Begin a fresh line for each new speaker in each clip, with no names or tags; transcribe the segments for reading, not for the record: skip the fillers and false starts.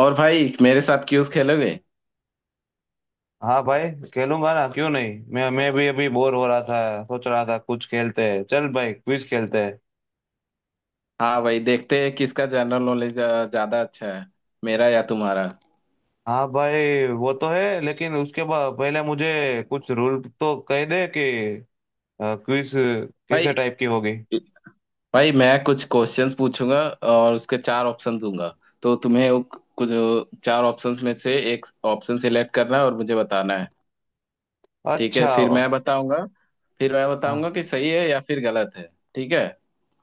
और भाई मेरे साथ क्यूज खेलोगे?
हाँ भाई। खेलूंगा ना, क्यों नहीं। मैं भी अभी बोर हो रहा था, सोच रहा था कुछ खेलते हैं। चल भाई, क्विज खेलते हैं।
हाँ भाई, देखते हैं किसका जनरल नॉलेज ज्यादा अच्छा है, मेरा या तुम्हारा।
हाँ भाई, वो तो है, लेकिन उसके बाद पहले मुझे कुछ रूल तो कह दे कि क्विज कैसे
भाई,
टाइप की होगी।
भाई मैं कुछ क्वेश्चंस पूछूंगा और उसके चार ऑप्शन दूंगा, तो तुम्हें वो कुछ चार ऑप्शंस में से एक ऑप्शन सिलेक्ट करना है और मुझे बताना है। ठीक है,
अच्छा
फिर
हाँ।
मैं बताऊंगा, फिर मैं बताऊंगा कि सही है या फिर गलत है। ठीक है।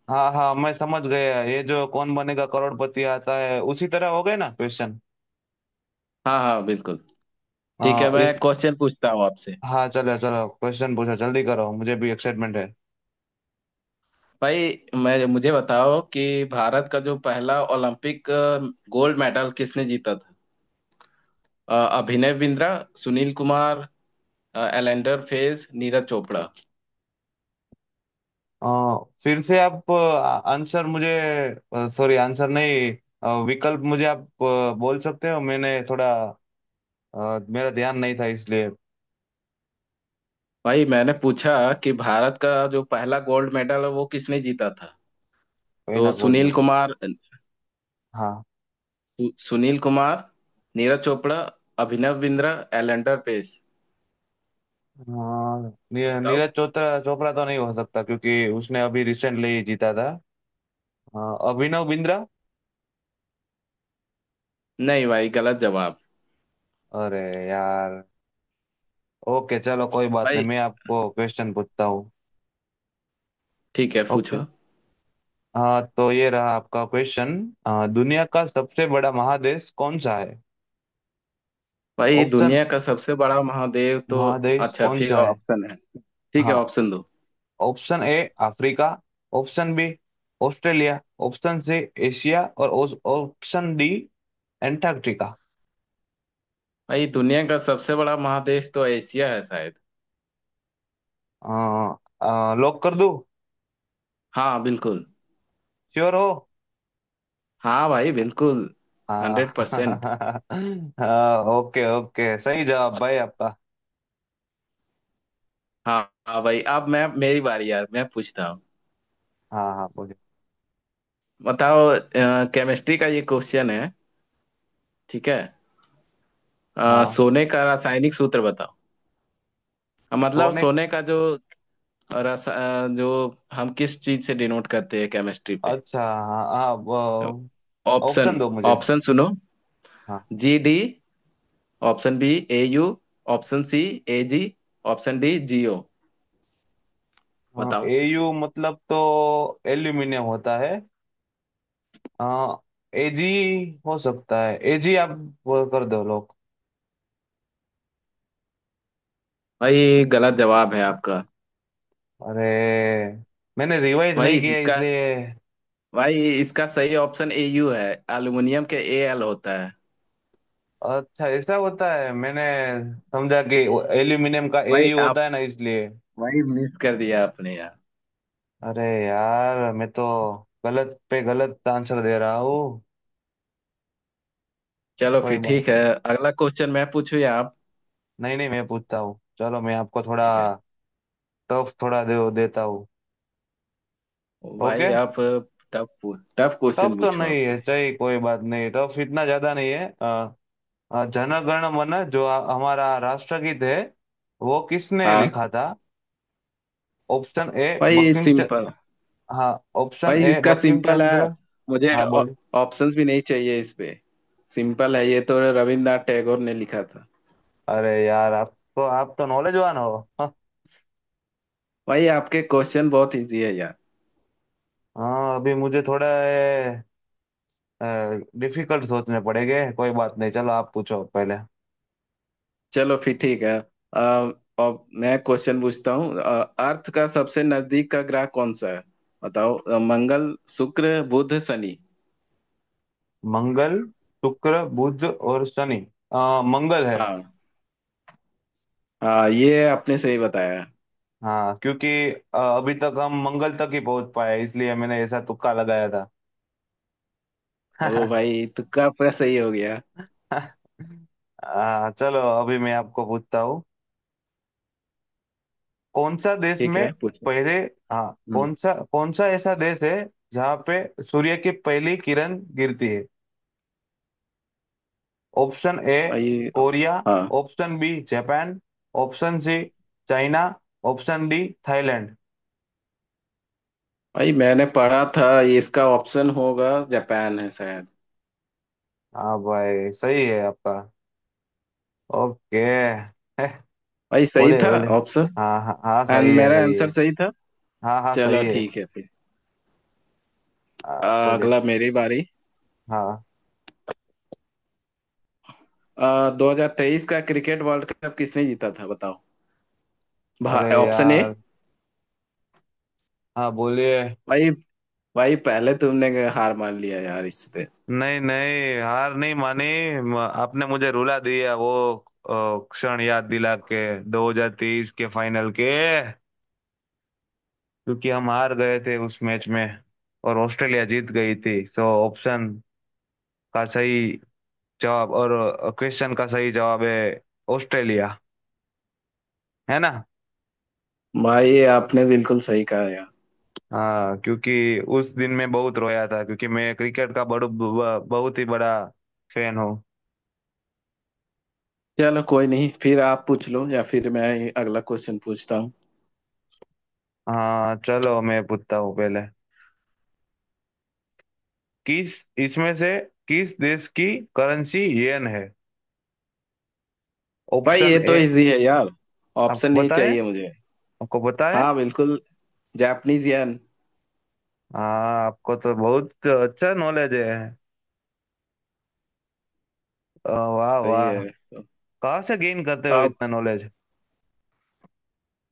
हाँ हाँ, मैं समझ गया। ये जो कौन बनेगा करोड़पति आता है, उसी तरह हो गए ना क्वेश्चन।
हाँ हाँ बिल्कुल। ठीक है,
हाँ इस।
मैं क्वेश्चन पूछता हूँ आपसे।
हाँ चलो चलो, क्वेश्चन पूछो, जल्दी करो, मुझे भी एक्साइटमेंट है।
भाई, मैं मुझे बताओ कि भारत का जो पहला ओलंपिक गोल्ड मेडल किसने जीता था। अभिनव बिंद्रा, सुनील कुमार, एलेंडर पेस, नीरज चोपड़ा।
आ, फिर से आप आंसर मुझे, सॉरी आंसर नहीं, विकल्प मुझे आप बोल सकते हो। मैंने थोड़ा, मेरा ध्यान नहीं था इसलिए।
भाई मैंने पूछा कि भारत का जो पहला गोल्ड मेडल है वो किसने जीता था।
पहला
तो
गोल्ड
सुनील
मेडल।
कुमार,
हाँ,
सुनील कुमार, नीरज चोपड़ा, अभिनव बिंद्रा, एलेंडर पेस।
अ,
बताओ।
नीरज चोपड़ा। चोपड़ा तो नहीं हो सकता क्योंकि उसने अभी रिसेंटली जीता था। अ, अभिनव बिंद्रा।
नहीं भाई, गलत जवाब।
अरे यार। ओके चलो, कोई बात नहीं,
भाई
मैं आपको क्वेश्चन पूछता हूँ।
ठीक है,
ओके।
पूछो।
हाँ, तो ये रहा आपका क्वेश्चन। दुनिया का सबसे बड़ा महादेश कौन सा है?
भाई
ऑप्शन,
दुनिया का सबसे बड़ा महादेव तो।
महादेश
अच्छा,
कौन
फिर
सा है?
ऑप्शन है, ठीक है
हाँ।
ऑप्शन दो।
Option A Africa, option B Australia, option C Asia, और ऑप्शन डी एंटार्क्टिका।
भाई दुनिया का सबसे बड़ा महादेश तो एशिया है शायद।
अ, लॉक कर दूं?
हाँ बिल्कुल।
श्योर हो?
हाँ भाई बिल्कुल। Hundred percent.
हाँ। ओके ओके, सही जवाब भाई आपका।
हाँ। हाँ भाई, अब मैं मेरी बारी यार, मैं पूछता हूँ।
हाँ हाँ बोलिए।
बताओ, केमिस्ट्री का ये क्वेश्चन है, ठीक है।
हाँ
सोने का रासायनिक सूत्र बताओ। मतलब
सोने।
सोने का जो जो हम किस चीज से डिनोट करते हैं केमिस्ट्री पे।
अच्छा हाँ हाँ,
ऑप्शन,
ऑप्शन दो मुझे।
ऑप्शन सुनो, G D, option B A U, option C A G, option D G O.
हाँ
बताओ।
एयू मतलब तो एल्यूमिनियम होता है। आ, एजी। हो सकता है एजी, आप वो कर दो लोग।
भाई गलत जवाब है आपका।
अरे, मैंने रिवाइज
भाई
नहीं किया
इसका,
इसलिए।
भाई इसका सही ऑप्शन ए यू है, एल्युमिनियम के ए एल होता है।
अच्छा ऐसा होता है। मैंने समझा कि एल्यूमिनियम का
भाई
एयू
आप,
होता है ना, इसलिए।
भाई मिस कर दिया आपने यार।
अरे यार, मैं तो गलत पे गलत आंसर दे रहा हूँ।
चलो
कोई
फिर
बात
ठीक है। अगला क्वेश्चन मैं पूछू या आप?
नहीं नहीं, मैं पूछता हूँ, चलो मैं आपको थोड़ा
ठीक है।
टफ थोड़ा दे देता हूँ। ओके।
भाई आप टफ, टफ
टफ
क्वेश्चन
तो
पूछो
नहीं
आप
है
मुझे।
चाहिए, कोई बात नहीं, टफ इतना ज्यादा नहीं है। जन गण मन, जो हमारा राष्ट्रगीत है, वो किसने
हाँ
लिखा था? ऑप्शन ए
भाई,
बंकिम
सिंपल।
हाँ, ऑप्शन
भाई
ए
इसका
बंकिम
सिंपल
चंद्र।
है, मुझे
हाँ बोलिए।
ऑप्शंस भी नहीं चाहिए इस पे। सिंपल है, ये तो रविंद्रनाथ टैगोर ने लिखा था।
अरे यार, आप तो नॉलेजवान हो, हाँ।
भाई आपके क्वेश्चन बहुत इजी है यार।
हाँ, अभी मुझे थोड़ा डिफिकल्ट सोचने पड़ेंगे, कोई बात नहीं। चलो आप पूछो पहले।
चलो फिर ठीक है। अ, अब मैं क्वेश्चन पूछता हूँ। अर्थ का सबसे नजदीक का ग्रह कौन सा है, बताओ। मंगल, शुक्र, बुध, शनि।
मंगल, शुक्र, बुध और शनि। मंगल है।
हाँ, हाँ ये आपने सही बताया।
हाँ, क्योंकि अभी तक हम मंगल तक ही पहुंच पाए, इसलिए मैंने ऐसा तुक्का लगाया था।
ओ भाई, तुक्का पर सही हो गया।
चलो अभी मैं आपको पूछता हूँ। कौन सा देश
ठीक
में
है, पूछो।
पहले? हाँ,
हम्म।
कौन सा ऐसा देश है जहाँ पे सूर्य की पहली किरण गिरती है? ऑप्शन ए
भाई।
कोरिया,
हाँ
option B Japan, option C China, option D Thailand.
भाई, मैंने पढ़ा था ये, इसका ऑप्शन होगा जापान है शायद।
हाँ भाई, सही है आपका। ओके।
भाई सही
बोले
था?
बोले।
ऑप्शन,
हाँ हाँ हाँ,
एंड
सही है,
मेरा
सही है।
आंसर सही था।
हाँ हाँ,
चलो
सही है।
ठीक है फिर। अ,
हाँ बोले।
अगला मेरी बारी।
हाँ।
2023 का क्रिकेट वर्ल्ड कप किसने जीता था, बताओ।
अरे
ऑप्शन ए।
यार। हाँ बोलिए।
भाई, भाई पहले तुमने हार मान लिया यार इससे।
नहीं नहीं, हार नहीं मानी। आपने मुझे रुला दिया, वो क्षण याद दिला के 2023 के फाइनल के, क्योंकि हम हार गए थे उस मैच में, और ऑस्ट्रेलिया जीत गई थी। सो ऑप्शन का सही जवाब, और क्वेश्चन का सही जवाब है ऑस्ट्रेलिया, है ना?
भाई आपने बिल्कुल सही कहा यार।
हाँ, क्योंकि उस दिन मैं बहुत रोया था, क्योंकि मैं क्रिकेट का बहुत ही बड़ा फैन हूँ।
चलो कोई नहीं, फिर आप पूछ लो या फिर मैं अगला क्वेश्चन पूछता हूँ।
हाँ चलो, मैं पूछता हूँ पहले। किस, इसमें से किस देश की करेंसी येन है?
भाई
ऑप्शन
ये तो
ए।
इजी है यार, ऑप्शन
आपको
नहीं
पता है?
चाहिए मुझे।
आपको पता है?
हाँ बिल्कुल, जापानीज येन।
हाँ, आपको तो बहुत अच्छा नॉलेज है। वाह
सही
वाह।
है।
कहाँ से गेन करते हो
अब
इतना नॉलेज?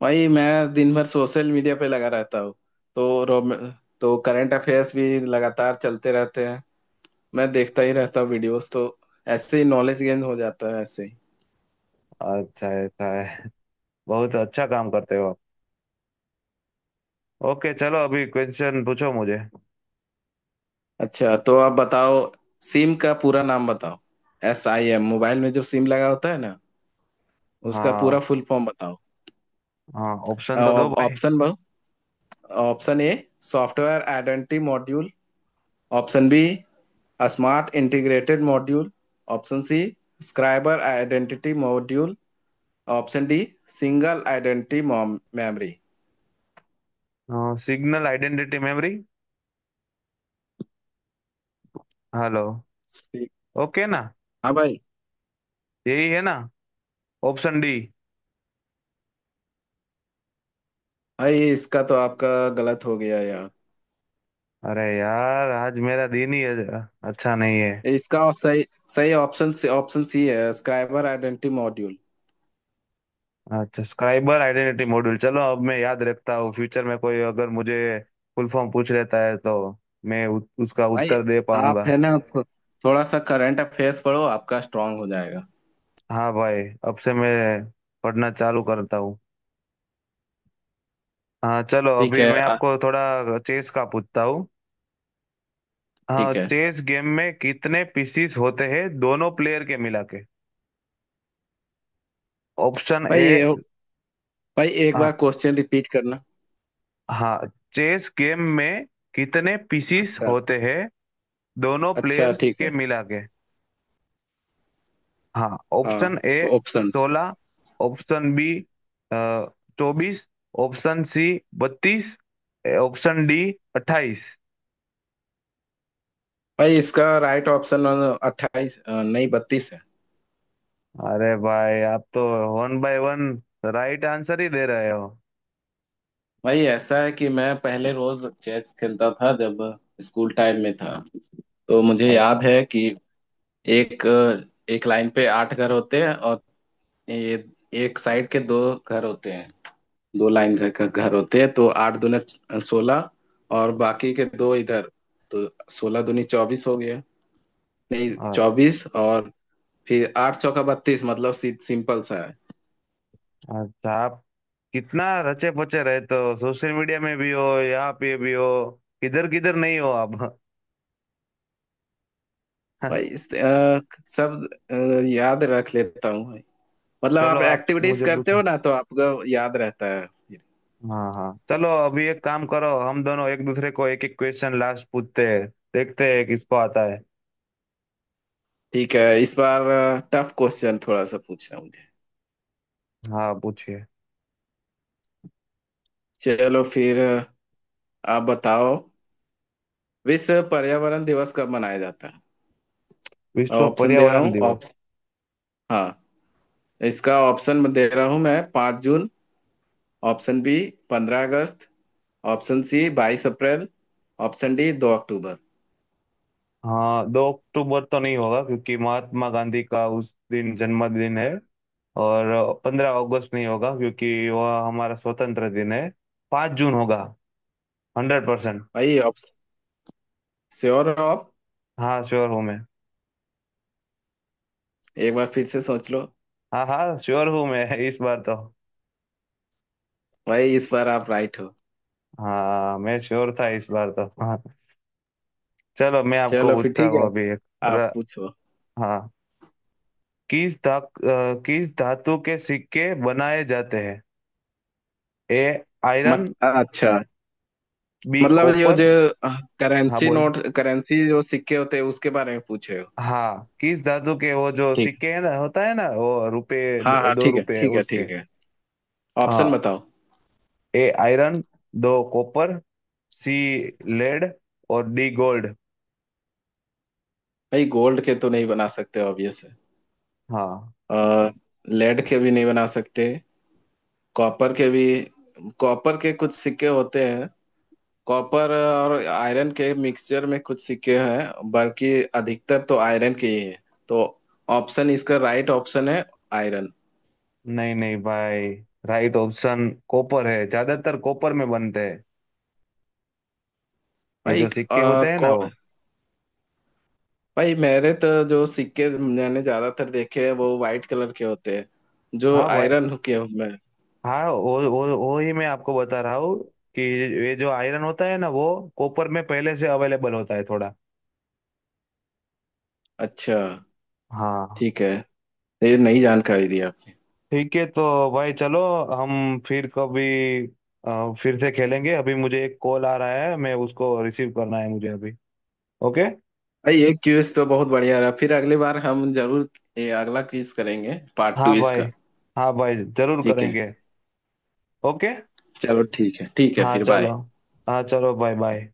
भाई मैं दिन भर सोशल मीडिया पे लगा रहता हूँ, तो रोम, तो करंट अफेयर्स भी लगातार चलते रहते हैं। मैं देखता ही रहता हूँ वीडियोस, तो ऐसे ही नॉलेज गेन हो जाता है, ऐसे ही।
अच्छा ऐसा है। बहुत अच्छा काम करते हो आप। ओके चलो, अभी क्वेश्चन पूछो मुझे।
अच्छा तो आप बताओ, सिम का पूरा नाम बताओ। एस आई एम, मोबाइल में जो सिम लगा होता है ना, उसका
हाँ
पूरा फुल फॉर्म बताओ।
हाँ, ऑप्शन तो दो
और
भाई।
Option A, software identity module. Option B, smart integrated module. Option C, scriber identity module. Option D, single identity memory.
Signal identity memory, hello. Okay ना?
हाँ भाई।
यही है ना? Option D.
भाई इसका तो आपका गलत हो गया यार।
अरे यार, आज मेरा दिन ही अच्छा नहीं है।
इसका सही सही ऑप्शन सी, ऑप्शन सी है, स्क्राइबर आइडेंटिटी मॉड्यूल।
अच्छा, साइबर आइडेंटिटी मॉड्यूल। चलो अब मैं याद रखता हूँ, फ्यूचर में कोई अगर मुझे फुल फॉर्म पूछ लेता है तो मैं उसका
भाई
उत्तर दे
आप
पाऊंगा।
है ना थोड़ा सा करंट अफेयर्स पढ़ो, आपका स्ट्रांग हो जाएगा।
हाँ भाई, अब से मैं पढ़ना चालू करता हूँ। हाँ चलो,
ठीक
अभी
है
मैं आपको थोड़ा चेस का पूछता हूँ। हाँ,
ठीक है।
चेस गेम में कितने पीसीस होते हैं, दोनों प्लेयर के मिला के? ऑप्शन
भाई
ए।
भाई एक
हाँ
बार क्वेश्चन रिपीट करना।
हाँ, चेस गेम में कितने पीसीस
अच्छा।
होते हैं, दोनों
अच्छा
प्लेयर्स
ठीक
के
है।
मिला के? हाँ। ऑप्शन
हाँ
A
option.
16, option B 24, option C 32, option D 28।
भाई इसका राइट ऑप्शन 28 नहीं, 32 है।
अरे भाई, आप तो one by one right answer ही दे रहे हो।
भाई ऐसा है कि मैं पहले रोज चेस खेलता था जब स्कूल टाइम में था, तो मुझे याद है कि एक एक लाइन पे 8 घर होते हैं, और ये एक साइड के दो घर होते हैं, दो लाइन घर का घर होते हैं, तो 8 दूने 16, और बाकी के दो इधर, तो 16 दूनी 24 हो गया, नहीं
अच्छा।
24 और फिर 8 चौका 32, मतलब सिंपल सा है।
अच्छा, आप कितना रचे पचे रहते हो? सोशल मीडिया में भी हो, यहाँ पे भी हो, किधर किधर नहीं हो आप।
भाई सब अ, याद रख लेता हूँ भाई। मतलब
चलो
आप
आप
एक्टिविटीज
मुझे
करते
पूछो।
हो ना, तो आपका याद रहता है फिर।
हाँ हाँ, चलो अभी एक काम करो, हम दोनों एक दूसरे को एक एक क्वेश्चन लास्ट पूछते हैं, देखते हैं किसको आता है।
ठीक है, इस बार टफ क्वेश्चन थोड़ा सा पूछना मुझे।
हाँ पूछिए।
चलो फिर आप बताओ, विश्व पर्यावरण दिवस कब मनाया जाता है?
विश्व
ऑप्शन दे रहा
पर्यावरण
हूँ,
दिवस।
ऑप्शन, हाँ इसका ऑप्शन दे रहा हूं मैं। 5 जून, ऑप्शन बी 15 अगस्त, ऑप्शन सी 22 अप्रैल, ऑप्शन डी 2 अक्टूबर।
हाँ, 2 अक्टूबर तो नहीं होगा क्योंकि महात्मा गांधी का उस दिन जन्मदिन है। और 15 अगस्त नहीं होगा क्योंकि वह हमारा स्वतंत्र दिन है। 5 जून होगा, हंड्रेड परसेंट।
भाई ऑप्शन, श्योर हो आप?
हाँ, श्योर हूँ मैं।
एक बार फिर से सोच लो।
हाँ हाँ, श्योर हूँ मैं। इस बार तो
भाई इस बार आप राइट हो।
हाँ, मैं श्योर था इस बार तो। हाँ चलो, मैं आपको
चलो फिर
पूछता
ठीक है,
हूँ अभी एक।
आप
र,
पूछो।
हाँ, किस किस धातु के सिक्के बनाए जाते हैं? ए आयरन,
मत, अच्छा
बी
मतलब यो
कॉपर।
जो
हाँ
करेंसी
बोल।
नोट, करेंसी जो सिक्के होते हैं उसके बारे में पूछ रहे हो?
हाँ, किस दादू के वो जो
ठीक है,
सिक्के है ना, होता है ना वो, रुपए
हाँ हाँ
दो
ठीक है,
रुपए
ठीक है
उसके।
ठीक है, ऑप्शन
हाँ,
बताओ।
ए आयरन, दो कॉपर, सी लेड, और डी गोल्ड।
भाई गोल्ड के तो नहीं बना सकते, ऑब्वियस है।
हाँ।
और लेड के भी नहीं बना सकते, कॉपर के भी, कॉपर के कुछ सिक्के होते हैं, कॉपर और आयरन के मिक्सचर में कुछ सिक्के हैं, बल्कि अधिकतर तो आयरन के ही है, तो ऑप्शन इसका राइट ऑप्शन है आयरन।
नहीं नहीं भाई, राइट ऑप्शन कॉपर है, ज्यादातर कॉपर में बनते हैं ये
भाई
जो सिक्के होते हैं ना वो।
भाई मेरे तो जो सिक्के मैंने ज्यादातर देखे हैं वो वाइट कलर के होते हैं, जो
हाँ भाई,
आयरन के होते हैं।
हाँ, वो ही मैं आपको बता रहा हूँ कि ये जो आयरन होता है ना वो कॉपर में पहले से अवेलेबल होता है थोड़ा।
अच्छा
हाँ
ठीक है, ये नई जानकारी दी आप।
ठीक है, तो भाई चलो, हम फिर कभी फिर से खेलेंगे। अभी मुझे एक कॉल आ रहा है, मैं उसको रिसीव करना है मुझे अभी। ओके।
भाई ये क्विज तो बहुत बढ़िया रहा, फिर अगली बार हम जरूर ये अगला क्विज करेंगे, पार्ट 2
हाँ भाई।
इसका।
हाँ भाई जरूर
ठीक है,
करेंगे। ओके।
चलो ठीक है, ठीक है
हाँ
फिर
चलो।
बाय।
हाँ चलो, बाय बाय।